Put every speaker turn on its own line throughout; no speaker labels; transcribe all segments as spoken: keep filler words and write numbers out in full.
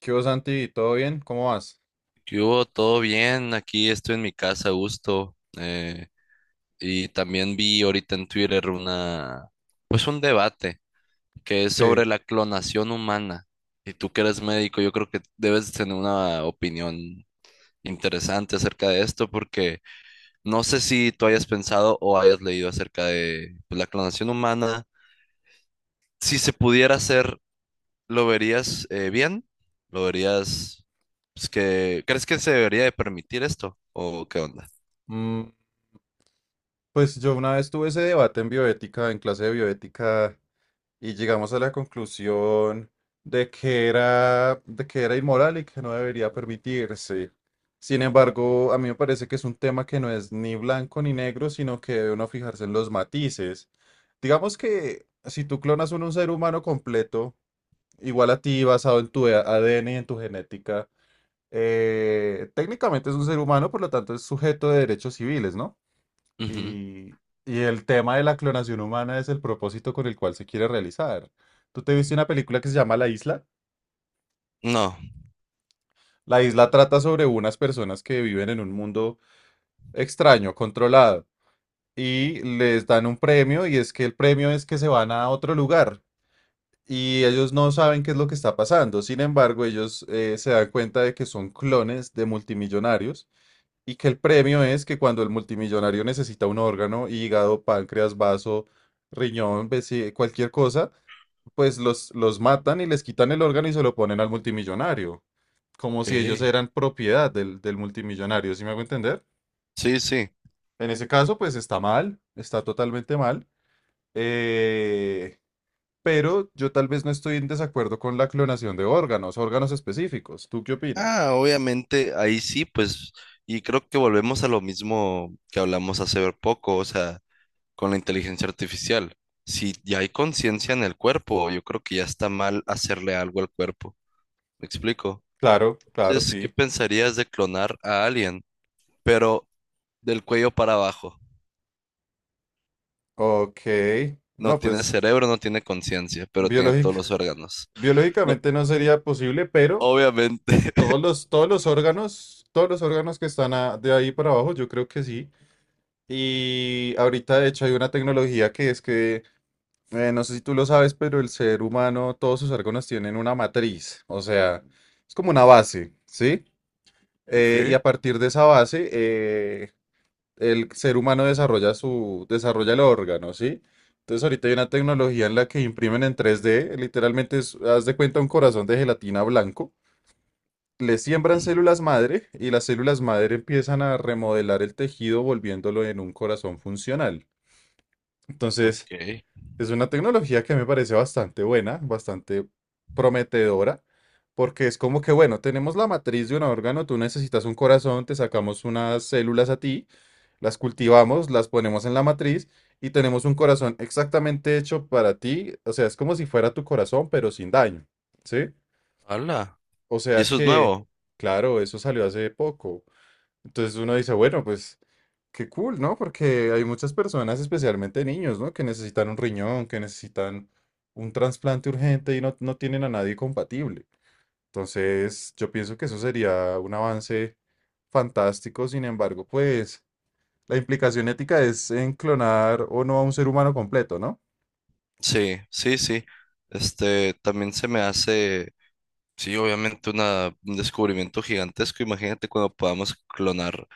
¿Qué hubo, Santi? ¿Todo bien? ¿Cómo vas?
¿Qué hubo? ¿Todo bien? Aquí estoy en mi casa a gusto. Eh, y también vi ahorita en Twitter una, pues un debate que es
Sí.
sobre la clonación humana. Y tú que eres médico, yo creo que debes tener una opinión interesante acerca de esto, porque no sé si tú hayas pensado o hayas leído acerca de pues, la clonación humana. Si se pudiera hacer, ¿lo verías eh, bien? ¿Lo verías, pues, que, crees que se debería de permitir esto? ¿O qué onda?
Mm, pues yo una vez tuve ese debate en bioética, en clase de bioética, y llegamos a la conclusión de que era, de que era inmoral y que no debería permitirse. Sin embargo, a mí me parece que es un tema que no es ni blanco ni negro, sino que debe uno fijarse en los matices. Digamos que si tú clonas un, un ser humano completo, igual a ti, basado en tu A D N y en tu genética, eh, técnicamente es un ser humano, por lo tanto es sujeto de derechos civiles, ¿no?
Ujú.
Y, y el tema de la clonación humana es el propósito con el cual se quiere realizar. ¿Tú te viste una película que se llama La Isla?
No,
La Isla trata sobre unas personas que viven en un mundo extraño, controlado, y les dan un premio y es que el premio es que se van a otro lugar. Y ellos no saben qué es lo que está pasando. Sin embargo, ellos eh, se dan cuenta de que son clones de multimillonarios. Y que el premio es que cuando el multimillonario necesita un órgano, hígado, páncreas, vaso, riñón, vesi- cualquier cosa, pues los, los matan y les quitan el órgano y se lo ponen al multimillonario, como si ellos
ok.
eran propiedad del, del multimillonario. ¿Sí me hago entender?
Sí, sí.
En ese caso, pues está mal, está totalmente mal, eh, pero yo tal vez no estoy en desacuerdo con la clonación de órganos, órganos específicos. ¿Tú qué opinas?
Ah, obviamente ahí sí, pues, y creo que volvemos a lo mismo que hablamos hace poco, o sea, con la inteligencia artificial. Si ya hay conciencia en el cuerpo, yo creo que ya está mal hacerle algo al cuerpo. ¿Me explico?
Claro, claro,
Entonces, ¿qué
sí.
pensarías de clonar a alguien, pero del cuello para abajo?
Ok.
No
No,
tiene
pues
cerebro, no tiene conciencia, pero tiene todos
biológicamente
los órganos. No,
Biológicamente no sería posible, pero
obviamente.
todos los, todos los órganos, todos los órganos que están a- de ahí para abajo, yo creo que sí. Y ahorita, de hecho, hay una tecnología que es que, eh, no sé si tú lo sabes, pero el ser humano, todos sus órganos tienen una matriz, o sea, es como una base, ¿sí?
Ok.
Eh, y a partir de esa base, eh, el ser humano desarrolla su, desarrolla el órgano, ¿sí? Entonces ahorita hay una tecnología en la que imprimen en tres d literalmente es- haz de cuenta un corazón de gelatina blanco, le siembran
Ujú.
células madre y las células madre empiezan a remodelar el tejido volviéndolo en un corazón funcional. Entonces,
Ok.
es una tecnología que me parece bastante buena, bastante prometedora, porque es como que, bueno, tenemos la matriz de un órgano, tú necesitas un corazón, te sacamos unas células a ti, las cultivamos, las ponemos en la matriz y tenemos un corazón exactamente hecho para ti, o sea, es como si fuera tu corazón, pero sin daño, ¿sí?
Hala.
O
Y
sea
eso es
que,
nuevo.
claro, eso salió hace poco. Entonces uno dice, bueno, pues qué cool, ¿no? Porque hay muchas personas, especialmente niños, ¿no? Que necesitan un riñón, que necesitan un trasplante urgente y no, no tienen a nadie compatible. Entonces yo pienso que eso sería un avance fantástico. Sin embargo, pues la implicación ética es en clonar o no a un ser humano completo, ¿no?
Sí, sí, sí. Este, también se me hace, sí, obviamente una, un descubrimiento gigantesco. Imagínate cuando podamos clonar,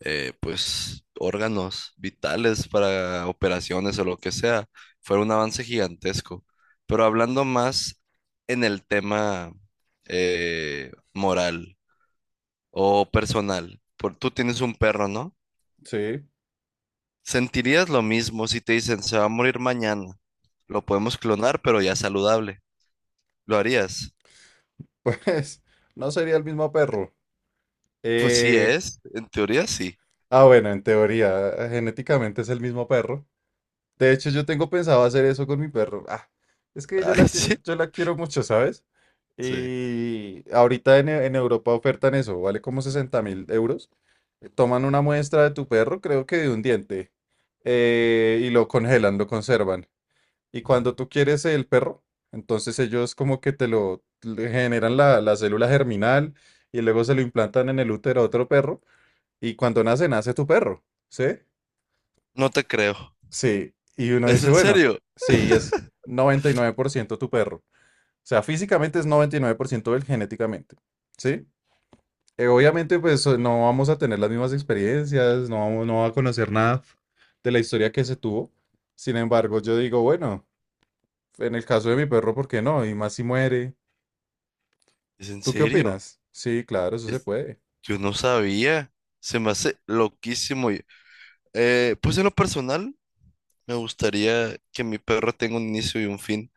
eh, pues, órganos vitales para operaciones o lo que sea. Fue un avance gigantesco. Pero hablando más en el tema eh, moral o personal, por, tú tienes un perro, ¿no?
Sí,
¿Sentirías lo mismo si te dicen se va a morir mañana? ¿Lo podemos clonar, pero ya saludable? ¿Lo harías?
pues no sería el mismo perro.
Pues sí
Eh,
es, en teoría sí.
ah, bueno, en teoría, eh, genéticamente es el mismo perro. De hecho, yo tengo pensado hacer eso con mi perro. Ah, es que yo la
Ay, sí,
quiero, yo la quiero mucho, ¿sabes?
sí.
Y ahorita en, E- en Europa ofertan eso, vale como sesenta mil euros. Eh, Toman una muestra de tu perro, creo que de un diente, eh, y lo congelan, lo conservan. Y cuando tú quieres el perro, entonces ellos como que te lo le generan la, la célula germinal y luego se lo implantan en el útero a otro perro. Y cuando nace, nace tu perro, ¿sí?
No te creo.
Sí, y uno
¿Es
dice,
en
bueno,
serio?
sí, es noventa y nueve por ciento tu perro. O sea, físicamente es noventa y nueve por ciento él genéticamente, ¿sí? Eh, obviamente, pues o- no vamos a tener las mismas experiencias, no vamos, no va a conocer nada de la historia que se tuvo. Sin embargo, yo digo, bueno, en el caso de mi perro, ¿por qué no? Y más si muere.
¿Es en
¿Tú qué
serio?
opinas? Sí, claro, eso se
Es-
puede.
yo no sabía. Se me hace loquísimo. Y- eh, pues en lo personal, me gustaría que mi perro tenga un inicio y un fin,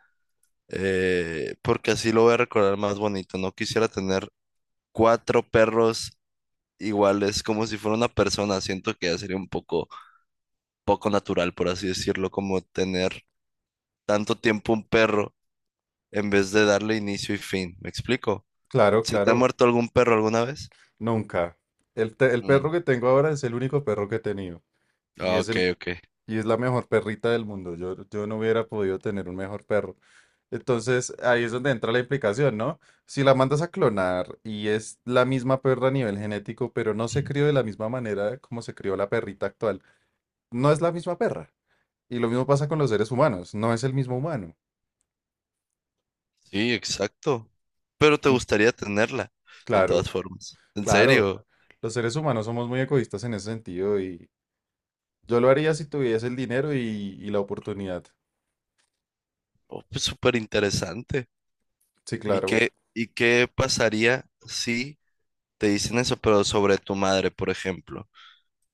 eh, porque así lo voy a recordar más bonito. No quisiera tener cuatro perros iguales, como si fuera una persona. Siento que ya sería un poco, poco natural, por así decirlo, como tener tanto tiempo un perro en vez de darle inicio y fin. ¿Me explico?
Claro,
¿Se te ha
claro,
muerto algún perro alguna vez?
nunca. El, te- el
Mm,
perro que tengo ahora es el único perro que he tenido. Y
ah,
es
ok,
el,
ok.
Y es la mejor perrita del mundo. Yo, yo no hubiera podido tener un mejor perro. Entonces, ahí es donde entra la implicación, ¿no? Si la mandas a clonar y es la misma perra a nivel genético, pero no se crió de la misma manera como se crió la perrita actual, no es la misma perra. Y lo mismo pasa con los seres humanos, no es el mismo humano.
Sí, exacto. Pero te
Mm,
gustaría tenerla, de
claro,
todas formas. ¿En
claro.
serio?
Los seres humanos somos muy egoístas en ese sentido y yo lo haría si tuviese el dinero y, y la oportunidad.
Oh, pues súper interesante.
Sí,
¿Y
claro,
qué, y qué pasaría si te dicen eso, pero sobre tu madre, por ejemplo?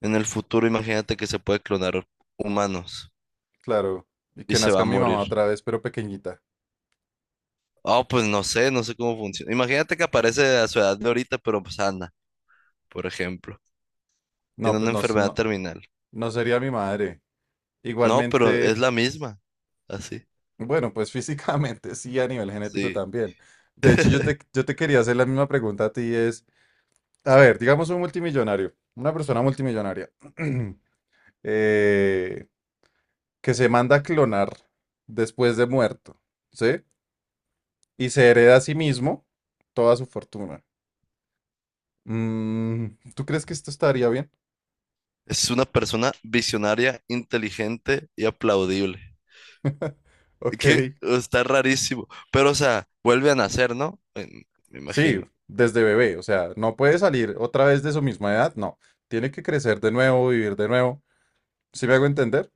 En el futuro, imagínate que se puede clonar humanos
claro. Y
y
que
se va
nazca
a
mi mamá
morir.
otra vez, pero pequeñita.
Oh, pues no sé, no sé cómo funciona. Imagínate que aparece a su edad de ahorita, pero sana, por ejemplo.
No,
Tiene
pues
una
no, s-
enfermedad
no,
terminal.
no sería mi madre.
No, pero es
Igualmente,
la misma. Así.
bueno, pues físicamente sí, a nivel genético
Sí.
también. De hecho, yo te, yo te quería hacer la misma pregunta a ti, es, a ver, digamos un multimillonario, una persona multimillonaria, eh, que se manda a clonar después de muerto, ¿sí? Y se hereda a sí mismo toda su fortuna. Mm, ¿Tú crees que esto estaría bien?
Es una persona visionaria, inteligente y aplaudible.
Ok.
Que está rarísimo. Pero, o sea, vuelve a nacer, ¿no? En- me
Sí,
imagino.
desde bebé, o sea, no puede salir otra vez de su misma edad, no. Tiene que crecer de nuevo, vivir de nuevo. ¿Sí me hago entender?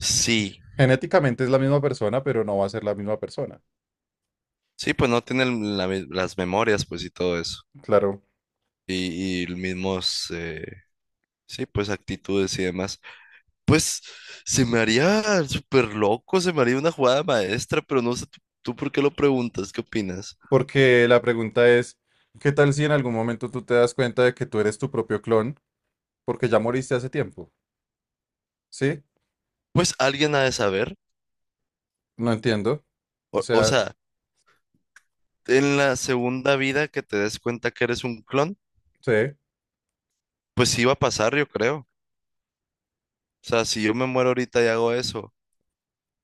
Sí.
Genéticamente es la misma persona, pero no va a ser la misma persona.
Sí, pues no tiene el- la mi- las memorias, pues, y todo eso.
Claro,
Y, y el mismos, eh, sí, pues, actitudes y demás. Pues, se me haría súper loco, se me haría una jugada maestra, pero no sé, ¿tú, tú por qué lo preguntas? ¿Qué opinas?
porque la pregunta es, ¿qué tal si en algún momento tú te das cuenta de que tú eres tu propio clon porque ya moriste hace tiempo? ¿Sí?
Pues alguien ha de saber.
No entiendo. O
O, o
sea,
sea, en la segunda vida que te des cuenta que eres un clon,
sí,
pues sí va a pasar, yo creo. O sea, si yo me muero ahorita y hago eso,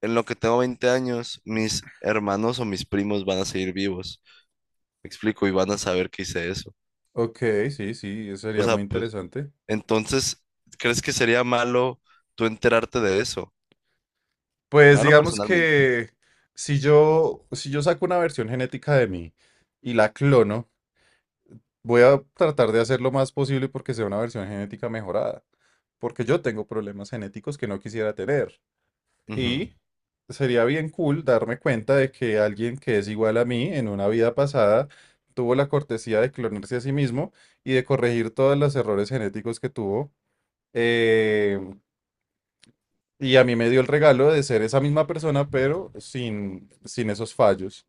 en lo que tengo veinte años, mis hermanos o mis primos van a seguir vivos. Me explico, y van a saber que hice eso.
ok, sí, sí, eso
O
sería
sea,
muy
pues,
interesante.
entonces, ¿crees que sería malo tú enterarte de eso?
Pues
Malo
digamos
personalmente.
que si yo, si yo saco una versión genética de mí, y la clono, voy a tratar de hacer lo más posible porque sea una versión genética mejorada, porque yo tengo problemas genéticos que no quisiera tener.
Ujú.
Y sería bien cool darme cuenta de que alguien que es igual a mí en una vida pasada tuvo la cortesía de clonarse a sí mismo y de corregir todos los errores genéticos que tuvo. eh, y a mí me dio el regalo de ser esa misma persona, pero sin, sin esos fallos.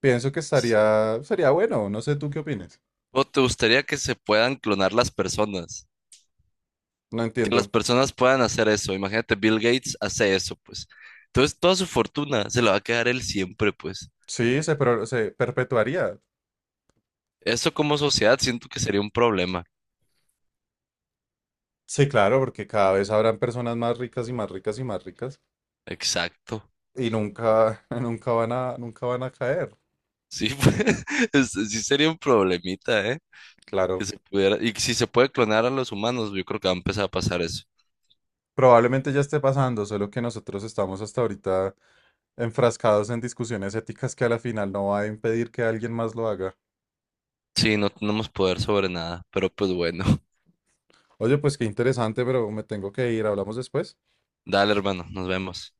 Pienso que estaría, sería bueno, no sé tú qué opinas.
¿O te gustaría que se puedan clonar las personas?
No
Que las
entiendo.
personas puedan hacer eso. Imagínate, Bill Gates hace eso, pues. Entonces, toda su fortuna se la va a quedar él siempre, pues.
Sí, se, pro- se perpetuaría.
Eso como sociedad siento que sería un problema.
Sí, claro, porque cada vez habrán personas más ricas y más ricas y más ricas
Exacto.
y nunca, nunca van a, nunca van a caer.
Sí, pues, es- sí sería un problemita, ¿eh? Que
Claro,
se pudiera, y si se puede clonar a los humanos, yo creo que va a empezar a pasar eso.
probablemente ya esté pasando, solo que nosotros estamos hasta ahorita enfrascados en discusiones éticas que a la final no va a impedir que alguien más lo haga.
Sí, no tenemos poder sobre nada, pero pues bueno.
Oye, pues qué interesante, pero me tengo que ir. Hablamos después.
Dale, hermano, nos vemos.